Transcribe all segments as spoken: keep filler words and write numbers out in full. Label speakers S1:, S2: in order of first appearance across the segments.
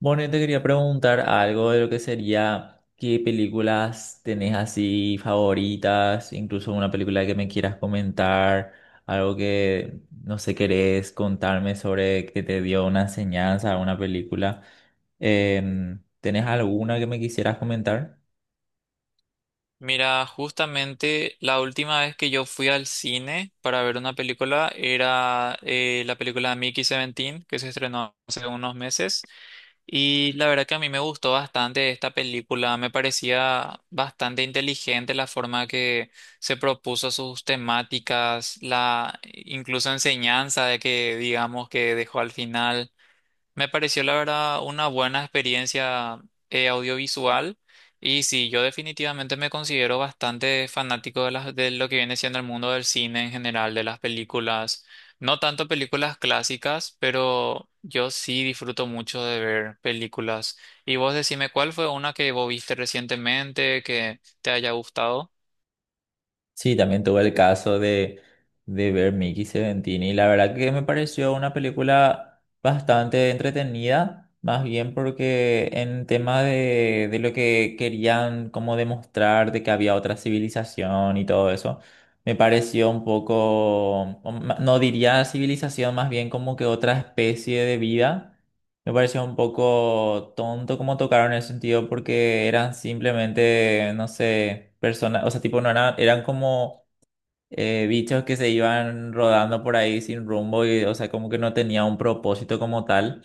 S1: Bueno, yo te quería preguntar algo de lo que sería qué películas tenés así favoritas, incluso una película que me quieras comentar, algo que no sé, querés contarme sobre que te dio una enseñanza, una película. Em, ¿tenés alguna que me quisieras comentar?
S2: Mira, justamente la última vez que yo fui al cine para ver una película era eh, la película Mickey diecisiete, que se estrenó hace unos meses, y la verdad que a mí me gustó bastante esta película. Me parecía bastante inteligente la forma que se propuso sus temáticas, la incluso enseñanza de que digamos que dejó al final. Me pareció la verdad una buena experiencia eh, audiovisual. Y sí, yo definitivamente me considero bastante fanático de, las, de lo que viene siendo el mundo del cine en general, de las películas, no tanto películas clásicas, pero yo sí disfruto mucho de ver películas. Y vos decime, ¿cuál fue una que vos viste recientemente que te haya gustado?
S1: Sí, también tuve el caso de, de ver Mickey Seventini y la verdad que me pareció una película bastante entretenida, más bien porque en tema de, de lo que querían como demostrar de que había otra civilización y todo eso, me pareció un poco, o ma- no diría civilización, más bien como que otra especie de vida me pareció un poco tonto como tocaron el sentido porque eran simplemente, no sé, personas, o sea, tipo, no eran, eran como eh, bichos que se iban rodando por ahí sin rumbo y, o sea, como que no tenía un propósito como tal.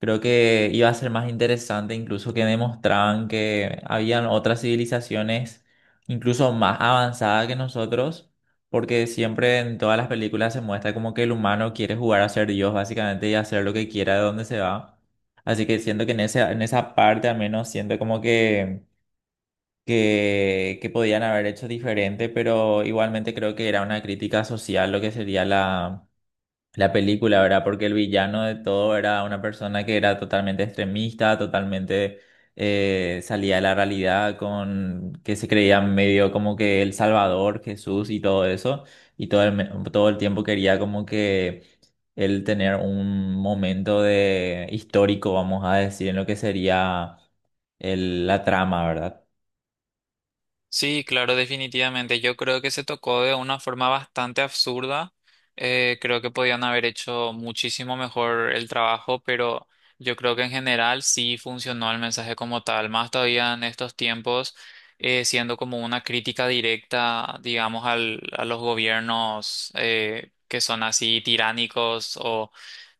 S1: Creo que iba a ser más interesante incluso que demostraban que habían otras civilizaciones incluso más avanzadas que nosotros, porque siempre en todas las películas se muestra como que el humano quiere jugar a ser Dios básicamente y hacer lo que quiera de donde se va. Así que siento que en ese, en esa parte al menos siento como que, que, que podían haber hecho diferente, pero igualmente creo que era una crítica social lo que sería la película, ¿verdad? Porque el villano de todo era una persona que era totalmente extremista, totalmente eh, salía de la realidad, con que se creía medio como que el Salvador, Jesús y todo eso, y todo el, me- todo el tiempo quería como que él tener un momento de histórico, vamos a decir, en lo que sería el- la trama, ¿verdad?
S2: Sí, claro, definitivamente. Yo creo que se tocó de una forma bastante absurda. Eh, creo que podían haber hecho muchísimo mejor el trabajo, pero yo creo que en general sí funcionó el mensaje como tal. Más todavía en estos tiempos, eh, siendo como una crítica directa, digamos, al, a los gobiernos eh, que son así tiránicos o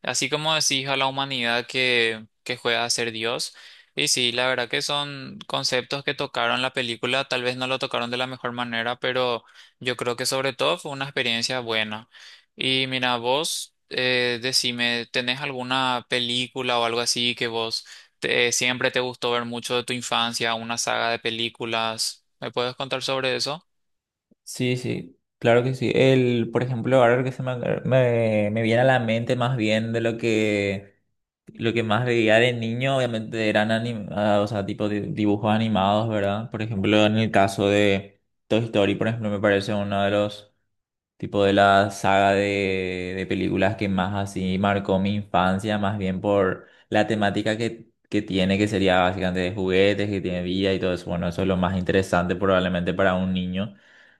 S2: así como decís a la humanidad que, que juega a ser Dios. Y sí, la verdad que son conceptos que tocaron la película, tal vez no lo tocaron de la mejor manera, pero yo creo que sobre todo fue una experiencia buena. Y mira, vos, eh, decime, ¿tenés alguna película o algo así que vos te- siempre te gustó ver mucho de tu infancia, una saga de películas? ¿Me puedes contar sobre eso?
S1: Sí, sí, claro que sí. El, por ejemplo, ahora que se me, me, me viene a la mente más bien de lo que lo que más veía de niño, obviamente eran anim- ah, o sea, tipo di- dibujos animados, ¿verdad? Por ejemplo, en el caso de Toy Story, por ejemplo, me parece uno de los tipo de la saga de, de películas que más así marcó mi infancia, más bien por la temática que, que tiene, que sería básicamente de juguetes, que tiene vida y todo eso. Bueno, eso es lo más interesante probablemente para un niño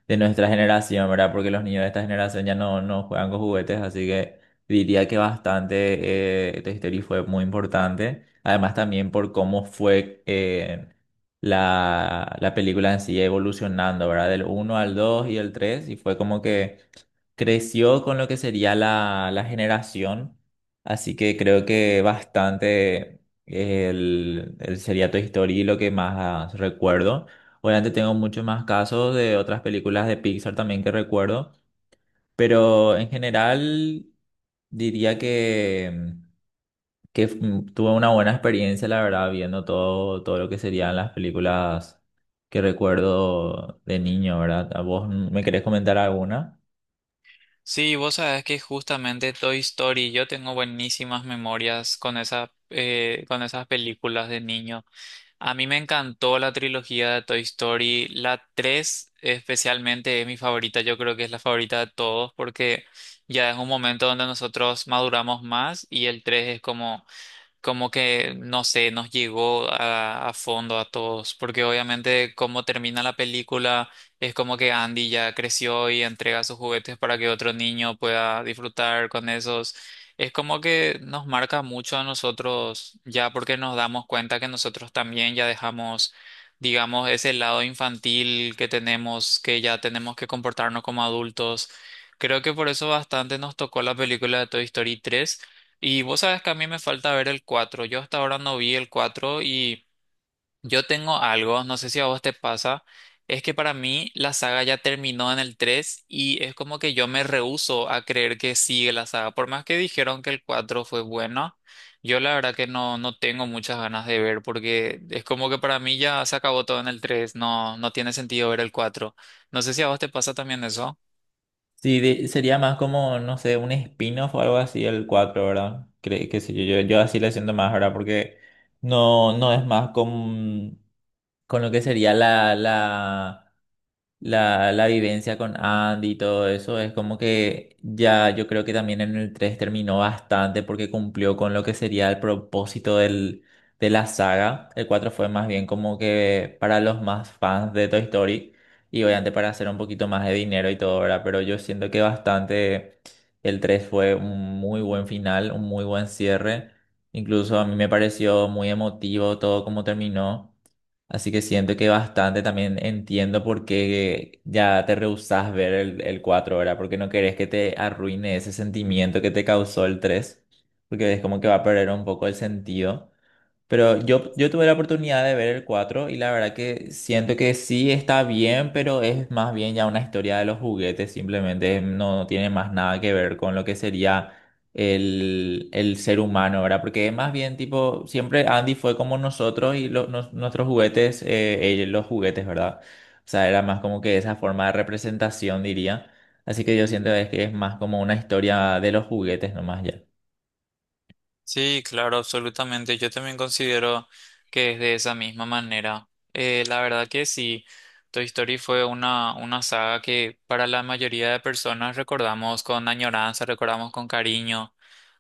S1: de nuestra generación, ¿verdad? Porque los niños de esta generación ya no, no juegan con juguetes, así que diría que bastante eh, Toy Story fue muy importante. Además también por cómo fue eh, la, la película en sí evolucionando, ¿verdad? Del uno al dos y el tres y fue como que creció con lo que sería la, la generación, así que creo que bastante eh, el, el sería Seriato History lo que más recuerdo. Obviamente tengo muchos más casos de otras películas de Pixar también que recuerdo, pero en general diría que, que f- mm, tuve una buena experiencia, la verdad, viendo todo, todo lo que serían las películas que recuerdo de niño, ¿verdad? ¿A vos me querés comentar alguna?
S2: Sí, vos sabés que justamente Toy Story, yo tengo buenísimas memorias con esa, eh, con esas películas de niño. A mí me encantó la trilogía de Toy Story. La tres, especialmente, es mi favorita. Yo creo que es la favorita de todos porque ya es un momento donde nosotros maduramos más, y el tres es como como que, no sé, nos llegó a, a fondo a todos, porque obviamente como termina la película, es como que Andy ya creció y entrega sus juguetes para que otro niño pueda disfrutar con esos. Es como que nos marca mucho a nosotros, ya porque nos damos cuenta que nosotros también ya dejamos, digamos, ese lado infantil que tenemos, que ya tenemos que comportarnos como adultos. Creo que por eso bastante nos tocó la película de Toy Story tres, y vos sabes que a mí me falta ver el cuatro. Yo hasta ahora no vi el cuatro y yo tengo algo, no sé si a vos te pasa, es que para mí la saga ya terminó en el tres y es como que yo me rehúso a creer que sigue la saga. Por más que dijeron que el cuatro fue bueno, yo la verdad que no, no tengo muchas ganas de ver, porque es como que para mí ya se acabó todo en el tres. No, no tiene sentido ver el cuatro. No sé si a vos te pasa también eso.
S1: Sí, de- sería más como, no sé, un spin-off o algo así el cuatro, ¿verdad? Cre que sé yo, yo, yo, así le siento más, ¿verdad? Porque no, no es más con, con lo que sería la, la, la, la vivencia con Andy y todo eso, es como que ya yo creo que también en el tres terminó bastante porque cumplió con lo que sería el propósito del, de la saga. El cuatro fue más bien como que para los más fans de Toy Story y obviamente para hacer un poquito más de dinero y todo, ¿verdad? Pero yo siento que bastante el tres fue un muy buen final, un muy buen cierre. Incluso a mí me pareció muy emotivo todo como terminó. Así que siento que bastante también entiendo por qué ya te rehusás ver el, el cuatro, ¿verdad? Porque no querés que te arruine ese sentimiento que te causó el tres, porque es como que va a perder un poco el sentido. Pero yo, yo tuve la oportunidad de ver el cuatro y la verdad que siento que sí está bien, pero es más bien ya una historia de los juguetes, simplemente no, no tiene más nada que ver con lo que sería el, el ser humano, ¿verdad? Porque más bien tipo, siempre Andy fue como nosotros y lo- nos- nuestros juguetes, eh, ellos los juguetes, ¿verdad? O sea, era más como que esa forma de representación, diría. Así que yo siento es que es más como una historia de los juguetes nomás ya.
S2: Sí, claro, absolutamente. Yo también considero que es de esa misma manera. Eh, la verdad que sí, Toy Story fue una, una saga que para la mayoría de personas recordamos con añoranza, recordamos con cariño.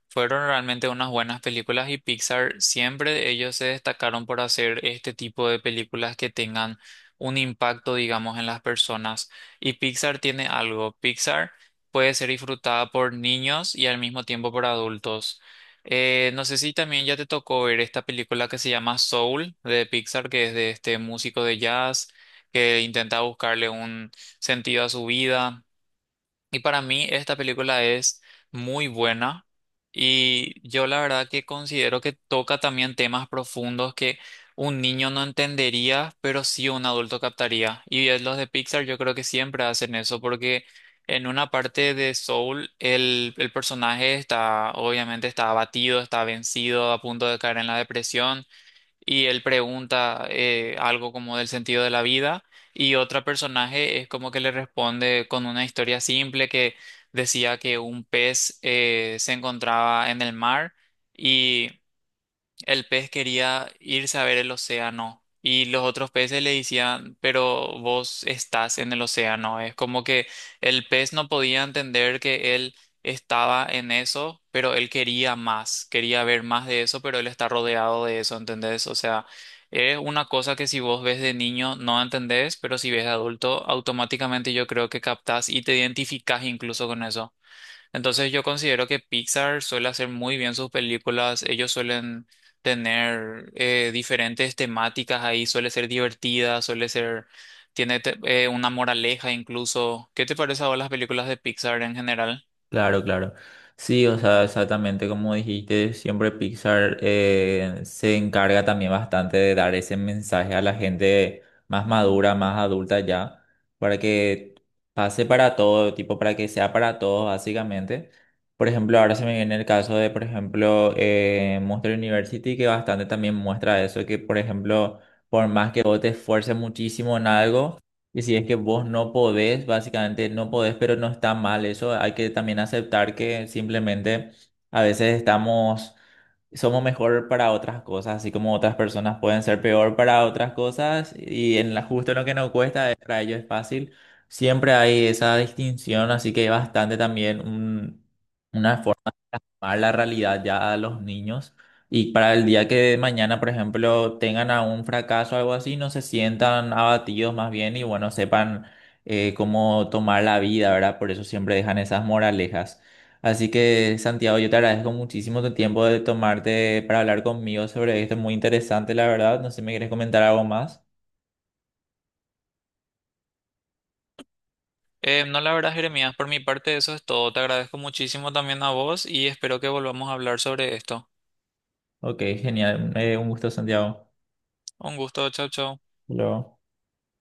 S2: Fueron realmente unas buenas películas, y Pixar siempre, ellos se destacaron por hacer este tipo de películas que tengan un impacto, digamos, en las personas. Y Pixar tiene algo. Pixar puede ser disfrutada por niños y al mismo tiempo por adultos. Eh, no sé si también ya te tocó ver esta película que se llama Soul, de Pixar, que es de este músico de jazz que intenta buscarle un sentido a su vida. Y para mí esta película es muy buena, y yo la verdad que considero que toca también temas profundos que un niño no entendería, pero sí un adulto captaría. Y es, los de Pixar yo creo que siempre hacen eso, porque en una parte de Soul el, el personaje está, obviamente, está abatido, está vencido, a punto de caer en la depresión, y él pregunta eh, algo como del sentido de la vida, y otro personaje es como que le responde con una historia simple que decía que un pez eh, se encontraba en el mar, y el pez quería irse a ver el océano, y los otros peces le decían, pero vos estás en el océano. Es como que el pez no podía entender que él estaba en eso, pero él quería más, quería ver más de eso, pero él está rodeado de eso, ¿entendés? O sea, es una cosa que si vos ves de niño no entendés, pero si ves de adulto, automáticamente yo creo que captás y te identificás incluso con eso. Entonces yo considero que Pixar suele hacer muy bien sus películas, ellos suelen tener eh, diferentes temáticas ahí, suele ser divertida, suele ser, tiene te- eh, una moraleja incluso. ¿Qué te parece ahora las películas de Pixar en general?
S1: Claro, claro. Sí, o sea, exactamente como dijiste, siempre Pixar eh, se encarga también bastante de dar ese mensaje a la gente más madura, más adulta ya, para que pase para todo, tipo, para que sea para todos, básicamente. Por ejemplo, ahora se me viene el caso de, por ejemplo, eh, Monster University, que bastante también muestra eso, que, por ejemplo, por más que vos te esfuerces muchísimo en algo, y si es que vos no podés, básicamente no podés, pero no está mal eso. Hay que también aceptar que simplemente a veces estamos, somos mejor para otras cosas, así como otras personas pueden ser peor para otras cosas. Y en la, justo en lo que nos cuesta, eh, para ellos es fácil. Siempre hay esa distinción, así que hay bastante también un- una a la realidad ya a los niños y para el día que mañana, por ejemplo, tengan a un fracaso o algo así, no se sientan abatidos más bien y bueno, sepan eh, cómo tomar la vida, ¿verdad? Por eso siempre dejan esas moralejas. Así que, Santiago, yo te agradezco muchísimo tu tiempo de tomarte para hablar conmigo sobre esto, es muy interesante, la verdad. No sé si me quieres comentar algo más.
S2: Eh, no, la verdad, Jeremías, por mi parte eso es todo. Te agradezco muchísimo también a vos y espero que volvamos a hablar sobre esto.
S1: Ok, genial. Eh, un gusto, Santiago.
S2: Un gusto, chao, chao.
S1: Hasta luego.